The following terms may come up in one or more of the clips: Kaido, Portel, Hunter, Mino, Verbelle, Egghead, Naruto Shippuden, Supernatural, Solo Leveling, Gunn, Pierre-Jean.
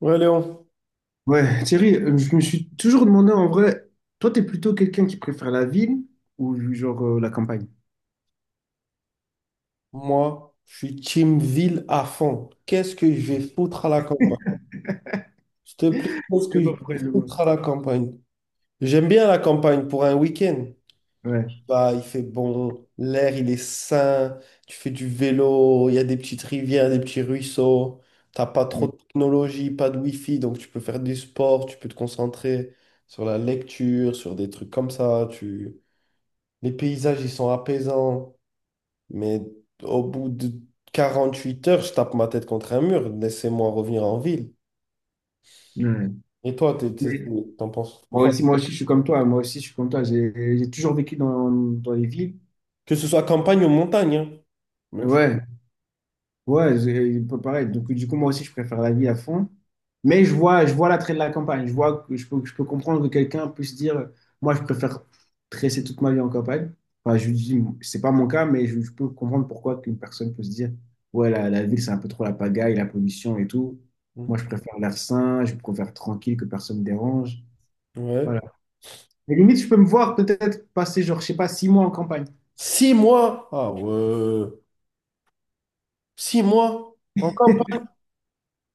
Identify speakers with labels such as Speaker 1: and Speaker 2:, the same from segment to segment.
Speaker 1: Ouais, Léon,
Speaker 2: Ouais, Thierry, je me suis toujours demandé en vrai, toi, t'es plutôt quelqu'un qui préfère la ville ou genre la campagne?
Speaker 1: moi, je suis team ville à fond. Qu'est-ce que je vais foutre à la campagne? Je te plaît,
Speaker 2: Je
Speaker 1: qu'est-ce que
Speaker 2: sais
Speaker 1: je
Speaker 2: pas
Speaker 1: vais
Speaker 2: pourquoi je le vois.
Speaker 1: foutre à la campagne? J'aime bien la campagne pour un week-end.
Speaker 2: Ouais.
Speaker 1: Bah, il fait bon, l'air, il est sain, tu fais du vélo, il y a des petites rivières, des petits ruisseaux, t'as pas trop
Speaker 2: ouais,
Speaker 1: de technologie, pas de wifi, donc tu peux faire du sport, tu peux te concentrer sur la lecture, sur des trucs comme ça, tu... Les paysages, ils sont apaisants. Mais au bout de 48 heures, je tape ma tête contre un mur. Laissez-moi revenir en ville.
Speaker 2: ouais.
Speaker 1: Et toi,
Speaker 2: Mais
Speaker 1: t'en penses
Speaker 2: moi
Speaker 1: pourquoi?
Speaker 2: aussi, moi aussi, je suis comme toi, hein. Moi aussi, je suis comme toi. J'ai toujours vécu dans les villes.
Speaker 1: Que ce soit campagne ou montagne, hein. Même chose.
Speaker 2: Ouais, ouais, c'est- il peut paraître. Donc, du coup, moi aussi, je préfère la ville à fond. Mais je vois l'attrait de la campagne. Je vois que je peux comprendre que quelqu'un puisse dire, moi, je préfère tresser toute ma vie en campagne. Enfin, je lui dis, c'est pas mon cas, mais je peux comprendre pourquoi qu'une personne peut se dire, ouais, la ville, c'est un peu trop la pagaille, la pollution et tout. Moi, je préfère l'air sain, je préfère tranquille, que personne me dérange. Voilà.
Speaker 1: Ouais.
Speaker 2: Et limite, je peux me voir peut-être passer, genre, je sais pas, 6 mois en campagne.
Speaker 1: 6 mois. Ah ouais. 6 mois en campagne.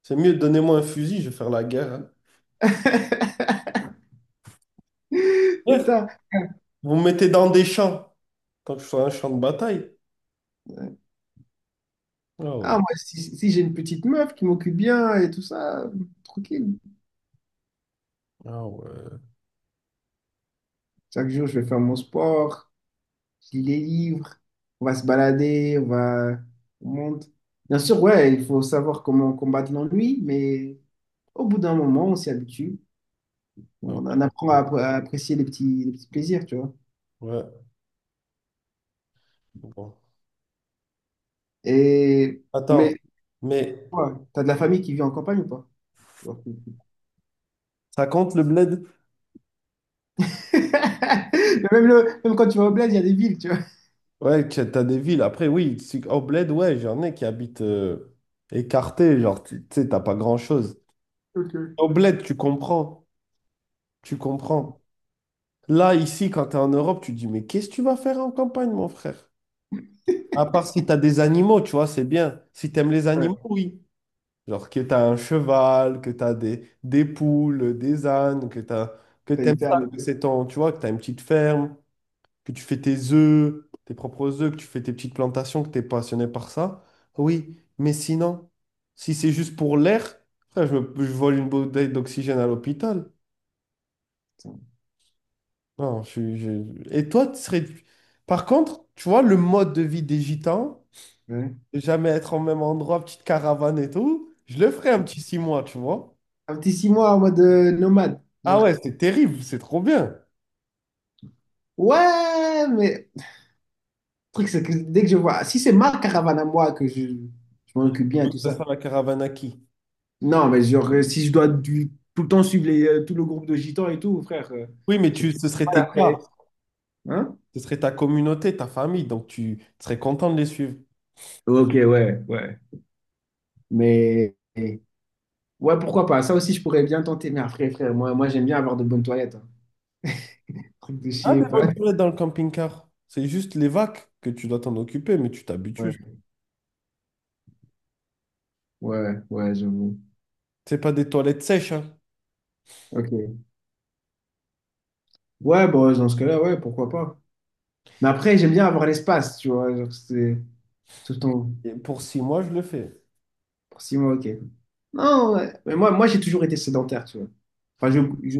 Speaker 1: C'est mieux, donnez-moi un fusil, je vais faire la guerre, hein. Ouais.
Speaker 2: Putain.
Speaker 1: Vous me mettez dans des champs, tant que je sois un champ de bataille. Ah
Speaker 2: Ah,
Speaker 1: ouais.
Speaker 2: moi, si, si j'ai une petite meuf qui m'occupe bien et tout ça, tranquille.
Speaker 1: Ah ouais.
Speaker 2: Chaque jour, je vais faire mon sport, je lis les livres, on va se balader, on va, on monte. Bien sûr, ouais, il faut savoir comment combattre l'ennui, mais au bout d'un moment, on s'y habitue.
Speaker 1: Ah
Speaker 2: On en apprend à,
Speaker 1: ouais.
Speaker 2: à apprécier les petits plaisirs, tu vois.
Speaker 1: Ouais. Bon.
Speaker 2: Et,
Speaker 1: Attends,
Speaker 2: mais,
Speaker 1: mais
Speaker 2: toi, t'as de la famille qui vit en campagne ou pas? Genre-
Speaker 1: ça compte le bled?
Speaker 2: Mais même, le, même quand tu vas au bled, il y a des villes, tu vois.
Speaker 1: Ouais, t'as des villes. Après, oui, au bled, ouais, j'en ai qui habitent écartés. Genre, tu sais, t'as pas grand-chose.
Speaker 2: Ok.
Speaker 1: Au bled, tu comprends. Tu comprends. Là, ici, quand t'es en Europe, tu te dis, mais qu'est-ce que tu vas faire en campagne, mon frère? À part si t'as des animaux, tu vois, c'est bien. Si t'aimes les animaux,
Speaker 2: Ouais,
Speaker 1: oui. Genre que t'as un cheval, que t'as des poules, des ânes, que t'as, que
Speaker 2: t'as
Speaker 1: t'aimes
Speaker 2: une
Speaker 1: ça,
Speaker 2: ferme et
Speaker 1: que
Speaker 2: tout.
Speaker 1: c'est ton, tu vois, que t'as une petite ferme, que tu fais tes œufs, tes propres œufs, que tu fais tes petites plantations, que tu es passionné par ça, oui, mais sinon, si c'est juste pour l'air, frère, je vole une bouteille d'oxygène à l'hôpital. Non, Et toi, tu serais... Par contre, tu vois, le mode de vie des gitans,
Speaker 2: Ouais, ouais.
Speaker 1: de jamais être au même endroit, petite caravane et tout, je le ferais un petit 6 mois, tu vois.
Speaker 2: Un petit 6 mois en mode nomade. Genre,
Speaker 1: Ah ouais, c'est terrible, c'est trop bien.
Speaker 2: ouais, mais le truc, c'est que dès que je vois, si c'est ma caravane à moi que je m'en occupe bien et
Speaker 1: Faut que
Speaker 2: tout
Speaker 1: ce
Speaker 2: ça.
Speaker 1: soit la caravane à qui?
Speaker 2: Non, mais genre, si je dois tout le temps suivre les, tout le groupe de gitans et tout, frère,
Speaker 1: Oui, mais
Speaker 2: j'ai
Speaker 1: ce serait
Speaker 2: pas
Speaker 1: tes
Speaker 2: la presse.
Speaker 1: gars,
Speaker 2: Hein?
Speaker 1: ce serait ta communauté, ta famille, donc tu serais content de les suivre.
Speaker 2: Ok, ouais, ouais. Mais, ouais, pourquoi pas? Ça aussi, je pourrais bien tenter. Mais après, frère, moi j'aime bien avoir de bonnes toilettes, hein. Truc de
Speaker 1: Ah,
Speaker 2: chier,
Speaker 1: des bonnes
Speaker 2: pas.
Speaker 1: toilettes dans le camping-car. C'est juste les vagues que tu dois t'en occuper, mais tu
Speaker 2: Ouais,
Speaker 1: t'habitues.
Speaker 2: ouais, ouais, j'avoue.
Speaker 1: C'est pas des toilettes sèches, hein.
Speaker 2: Ok. Ouais, bon, dans ce cas-là, ouais, pourquoi pas. Mais après, j'aime bien avoir l'espace, tu vois. Genre, c'est tout le temps.
Speaker 1: Et pour 6 mois, je le fais.
Speaker 2: Pour 6 mois, ok. Non, ouais. Mais moi j'ai toujours été sédentaire, tu vois. Enfin, je, je-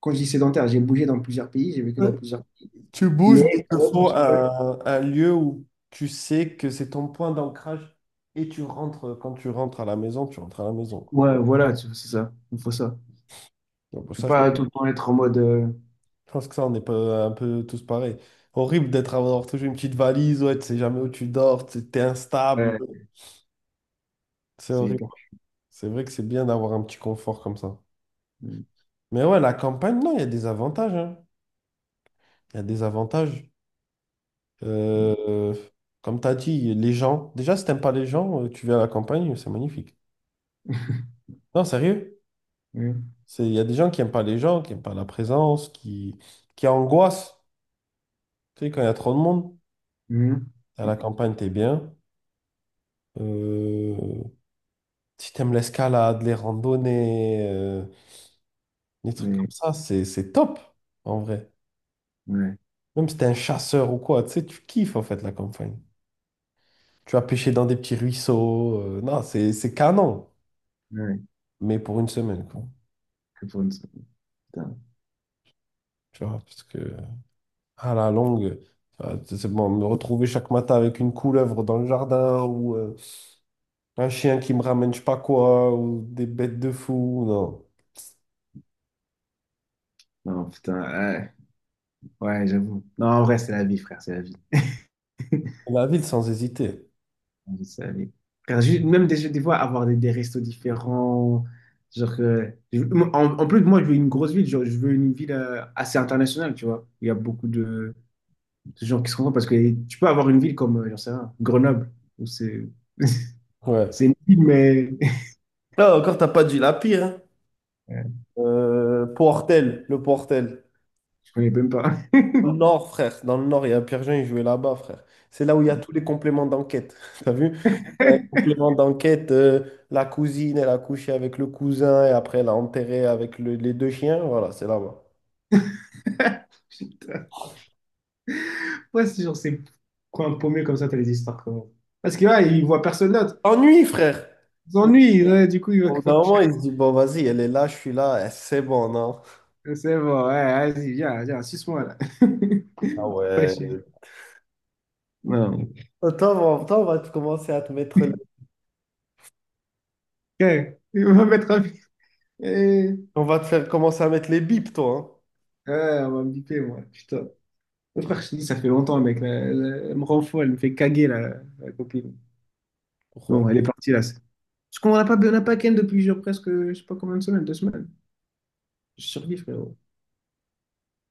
Speaker 2: quand je dis sédentaire, j'ai bougé dans plusieurs pays, j'ai vécu dans
Speaker 1: Euh,
Speaker 2: plusieurs.
Speaker 1: Tu bouges, mais il
Speaker 2: Mais
Speaker 1: te
Speaker 2: quand même, à
Speaker 1: faut
Speaker 2: chaque fois,
Speaker 1: un lieu où tu sais que c'est ton point d'ancrage et tu rentres, quand tu rentres à la maison, tu rentres à la maison, quoi.
Speaker 2: ouais, voilà, tu vois, c'est ça. Il faut ça.
Speaker 1: Donc, pour
Speaker 2: Je peux
Speaker 1: ça, je
Speaker 2: pas tout le temps être en mode.
Speaker 1: je pense que ça, on est pas un peu tous pareils. Horrible d'être avoir toujours une petite valise, ouais, tu sais jamais où tu dors, tu es instable.
Speaker 2: Ouais,
Speaker 1: C'est
Speaker 2: c'est
Speaker 1: horrible.
Speaker 2: hyper.
Speaker 1: C'est vrai que c'est bien d'avoir un petit confort comme ça.
Speaker 2: Mm,
Speaker 1: Mais ouais, la campagne, non, il y a des avantages, hein. Il y a des avantages. Euh, Comme tu as dit, les gens. Déjà, si t'aimes pas les gens, tu vis à la campagne, c'est magnifique. Non, sérieux.
Speaker 2: mm,
Speaker 1: Il y a des gens qui aiment pas les gens, qui aiment pas la présence, qui angoissent. Tu sais, quand il y a trop de monde,
Speaker 2: mm, mm.
Speaker 1: à la campagne, t'es bien. Euh, Si t'aimes l'escalade, les randonnées, les trucs
Speaker 2: Mais,
Speaker 1: comme ça, c'est top, en vrai.
Speaker 2: ouais,
Speaker 1: Même si t'es un chasseur ou quoi, tu sais, tu kiffes, en fait, la campagne. Tu vas pêcher dans des petits ruisseaux. Non, c'est canon,
Speaker 2: ouais.
Speaker 1: mais pour une semaine, quoi.
Speaker 2: Que pour une- seconde. Putain.
Speaker 1: Tu vois, parce que à la longue, c'est bon, me retrouver chaque matin avec une couleuvre dans le jardin ou un chien qui me ramène je sais pas quoi ou des bêtes de fou, non.
Speaker 2: Non, putain, ouais, ouais, j'avoue. Non, en vrai, c'est la vie, frère, c'est la vie.
Speaker 1: La ville sans hésiter.
Speaker 2: Vous savez. Car juste- même des fois, avoir des restos différents. Genre que- je- En, en plus, moi, je veux une grosse ville. Genre, je veux une ville assez internationale, tu vois. Il y a beaucoup de gens qui se rencontrent parce que tu peux avoir une ville comme, j'en sais rien, Grenoble, où
Speaker 1: Ouais.
Speaker 2: c'est une ville, mais
Speaker 1: Là encore, t'as pas dit la pire, hein.
Speaker 2: euh,
Speaker 1: Portel, le Portel.
Speaker 2: je connais même pas.
Speaker 1: Dans le nord, frère. Dans le nord, il y a Pierre-Jean, il jouait là-bas, frère. C'est là où il y a tous les compléments d'enquête. T'as vu? Un complément d'enquête, la cousine, elle a couché avec le cousin et après elle a enterré avec les 2 chiens. Voilà, c'est là-bas.
Speaker 2: Putain. Ouais, c'est genre ces coins paumés comme ça, t'as des histoires comme... Parce que, ouais, ils voient personne d'autre.
Speaker 1: Ennui, frère.
Speaker 2: Ils
Speaker 1: Au
Speaker 2: s'ennuient, ouais, du coup, ils vont...
Speaker 1: bout d'un moment, il se dit, bon, vas-y, elle est là, je suis là, eh, c'est bon, non?
Speaker 2: C'est bon, ouais, vas-y, viens, viens, suce-moi, là.
Speaker 1: Ah
Speaker 2: Pas
Speaker 1: ouais.
Speaker 2: non,
Speaker 1: Toi, on va te commencer à te mettre...
Speaker 2: ok. Il va mettre un... Eh,
Speaker 1: On va te faire commencer à mettre les bips, toi, hein.
Speaker 2: ouais, on va me piper, moi. Putain. Mon frère, je te dis, ça fait longtemps, mec, là. Elle, elle me rend fou, elle me fait caguer, la copine.
Speaker 1: Pourquoi?
Speaker 2: Bon, elle est partie, là. Parce qu'on n'a pas ken depuis genre, presque, je sais pas combien de semaines, 2 semaines. Je survis, frérot.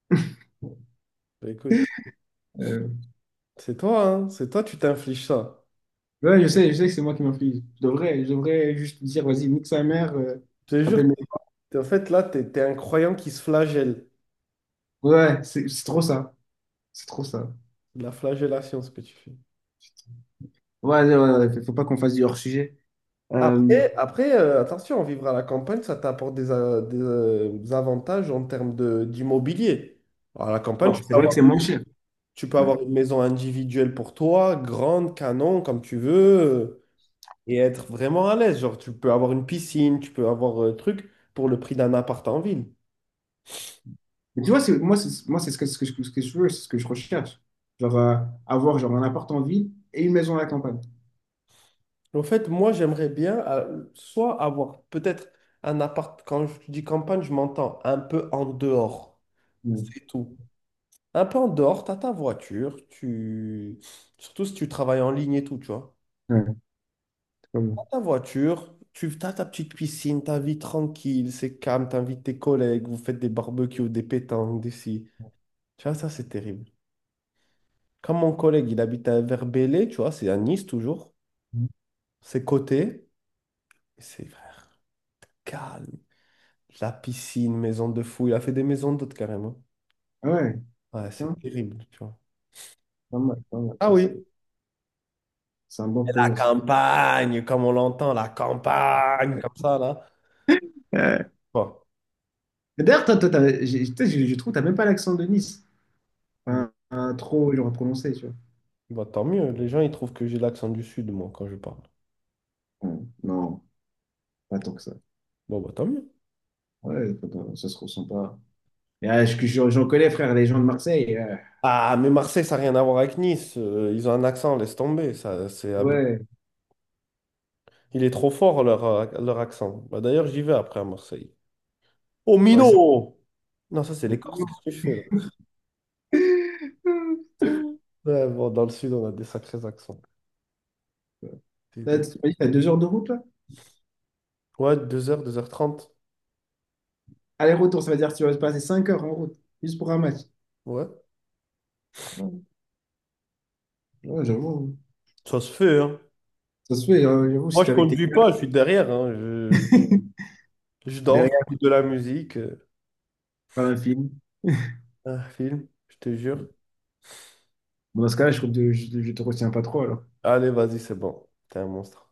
Speaker 1: Bah, écoute,
Speaker 2: Euh,
Speaker 1: c'est toi, hein. C'est toi, tu t'infliges ça.
Speaker 2: ouais, je sais, que c'est moi qui m'inflige. Je devrais juste dire, vas-y, nique sa mère,
Speaker 1: Je te
Speaker 2: je
Speaker 1: jure,
Speaker 2: rappelle mes...
Speaker 1: en fait, là, t'es un croyant qui se flagelle.
Speaker 2: Ouais, c'est trop ça. C'est trop ça.
Speaker 1: De la flagellation, ce que tu fais.
Speaker 2: Ouais, ouais, ouais, ouais, faut pas qu'on fasse du hors-sujet. Euh,
Speaker 1: Après, attention, vivre à la campagne, ça t'apporte des avantages en termes d'immobilier. À la campagne,
Speaker 2: ouais, c'est vrai que c'est moins cher.
Speaker 1: tu peux
Speaker 2: Ouais.
Speaker 1: avoir une maison individuelle pour toi, grande, canon, comme tu veux, et être vraiment à l'aise. Genre, tu peux avoir une piscine, tu peux avoir un truc pour le prix d'un appart en ville.
Speaker 2: Mais tu vois, c'est, moi, c'est, moi, c'est ce que je veux, c'est ce que je recherche. Genre, avoir genre, un appart en ville et une maison à la campagne.
Speaker 1: En fait, moi, j'aimerais bien soit avoir peut-être un appart, quand je dis campagne, je m'entends un peu en dehors.
Speaker 2: Mm.
Speaker 1: C'est tout. Un peu en dehors, t'as ta voiture, tu... surtout si tu travailles en ligne et tout, tu vois.
Speaker 2: Ouais, c'est pas
Speaker 1: T'as ta voiture, tu t'as ta petite piscine, ta vie tranquille, c'est calme, t'invites tes collègues, vous faites des barbecues, des pétanques, des ci. Tu vois, ça, c'est terrible. Comme mon collègue, il habite à Verbelle, tu vois, c'est à Nice toujours. C'est côté, c'est frère, calme. La piscine, maison de fou, il a fait des maisons d'hôtes carrément.
Speaker 2: ah ouais,
Speaker 1: Ouais,
Speaker 2: putain,
Speaker 1: c'est terrible, tu vois.
Speaker 2: pas mal, pas mal.
Speaker 1: Ah
Speaker 2: Ça,
Speaker 1: oui.
Speaker 2: c'est un bon
Speaker 1: Et la
Speaker 2: projet, ça.
Speaker 1: campagne, comme on l'entend, la campagne, comme ça, là.
Speaker 2: Euh,
Speaker 1: Bon.
Speaker 2: D'ailleurs, tu sais, je trouve que tu n'as même pas l'accent de Nice.
Speaker 1: Bon,
Speaker 2: Enfin, un trop genre, prononcé, tu vois.
Speaker 1: Bah, tant mieux. Les gens, ils trouvent que j'ai l'accent du Sud, moi, quand je parle.
Speaker 2: Ouais, non, pas tant que ça.
Speaker 1: Bon, bah, tant mieux.
Speaker 2: Ouais, pas tant- ça se ressent pas. Et, ah, j'en connais, frère, les gens de Marseille,
Speaker 1: Ah, mais Marseille, ça n'a rien à voir avec Nice. Ils ont un accent, laisse tomber.
Speaker 2: ouais,
Speaker 1: Il est trop fort, leur accent. Bah, d'ailleurs, j'y vais après à Marseille. Oh,
Speaker 2: ouais, ça.
Speaker 1: Mino! Non, ça, c'est les Corses. Qu'est-ce que je fais, là?
Speaker 2: Ah, putain.
Speaker 1: Ouais, bon, dans le Sud, on a des sacrés accents. Des-
Speaker 2: T'as
Speaker 1: des-
Speaker 2: t'as 2 heures de route, là?
Speaker 1: Ouais, 2 heures, 2 h 30
Speaker 2: Aller-retour, ça veut dire que tu vas passer 5 heures en route, juste pour un match.
Speaker 1: Ouais.
Speaker 2: Ouais, ouais, j'avoue.
Speaker 1: Ça se fait, hein.
Speaker 2: Ça se fait, hein, j'avoue,
Speaker 1: Moi,
Speaker 2: si
Speaker 1: je
Speaker 2: t'es avec tes
Speaker 1: conduis pas, je
Speaker 2: gars,
Speaker 1: suis derrière, hein. Je... je dors,
Speaker 2: derrière,
Speaker 1: j'écoute de la musique,
Speaker 2: par un film.
Speaker 1: un film, je te jure.
Speaker 2: Bon, dans ce cas-là, trouve que je te retiens pas trop, alors.
Speaker 1: Allez, vas-y, c'est bon. T'es un monstre.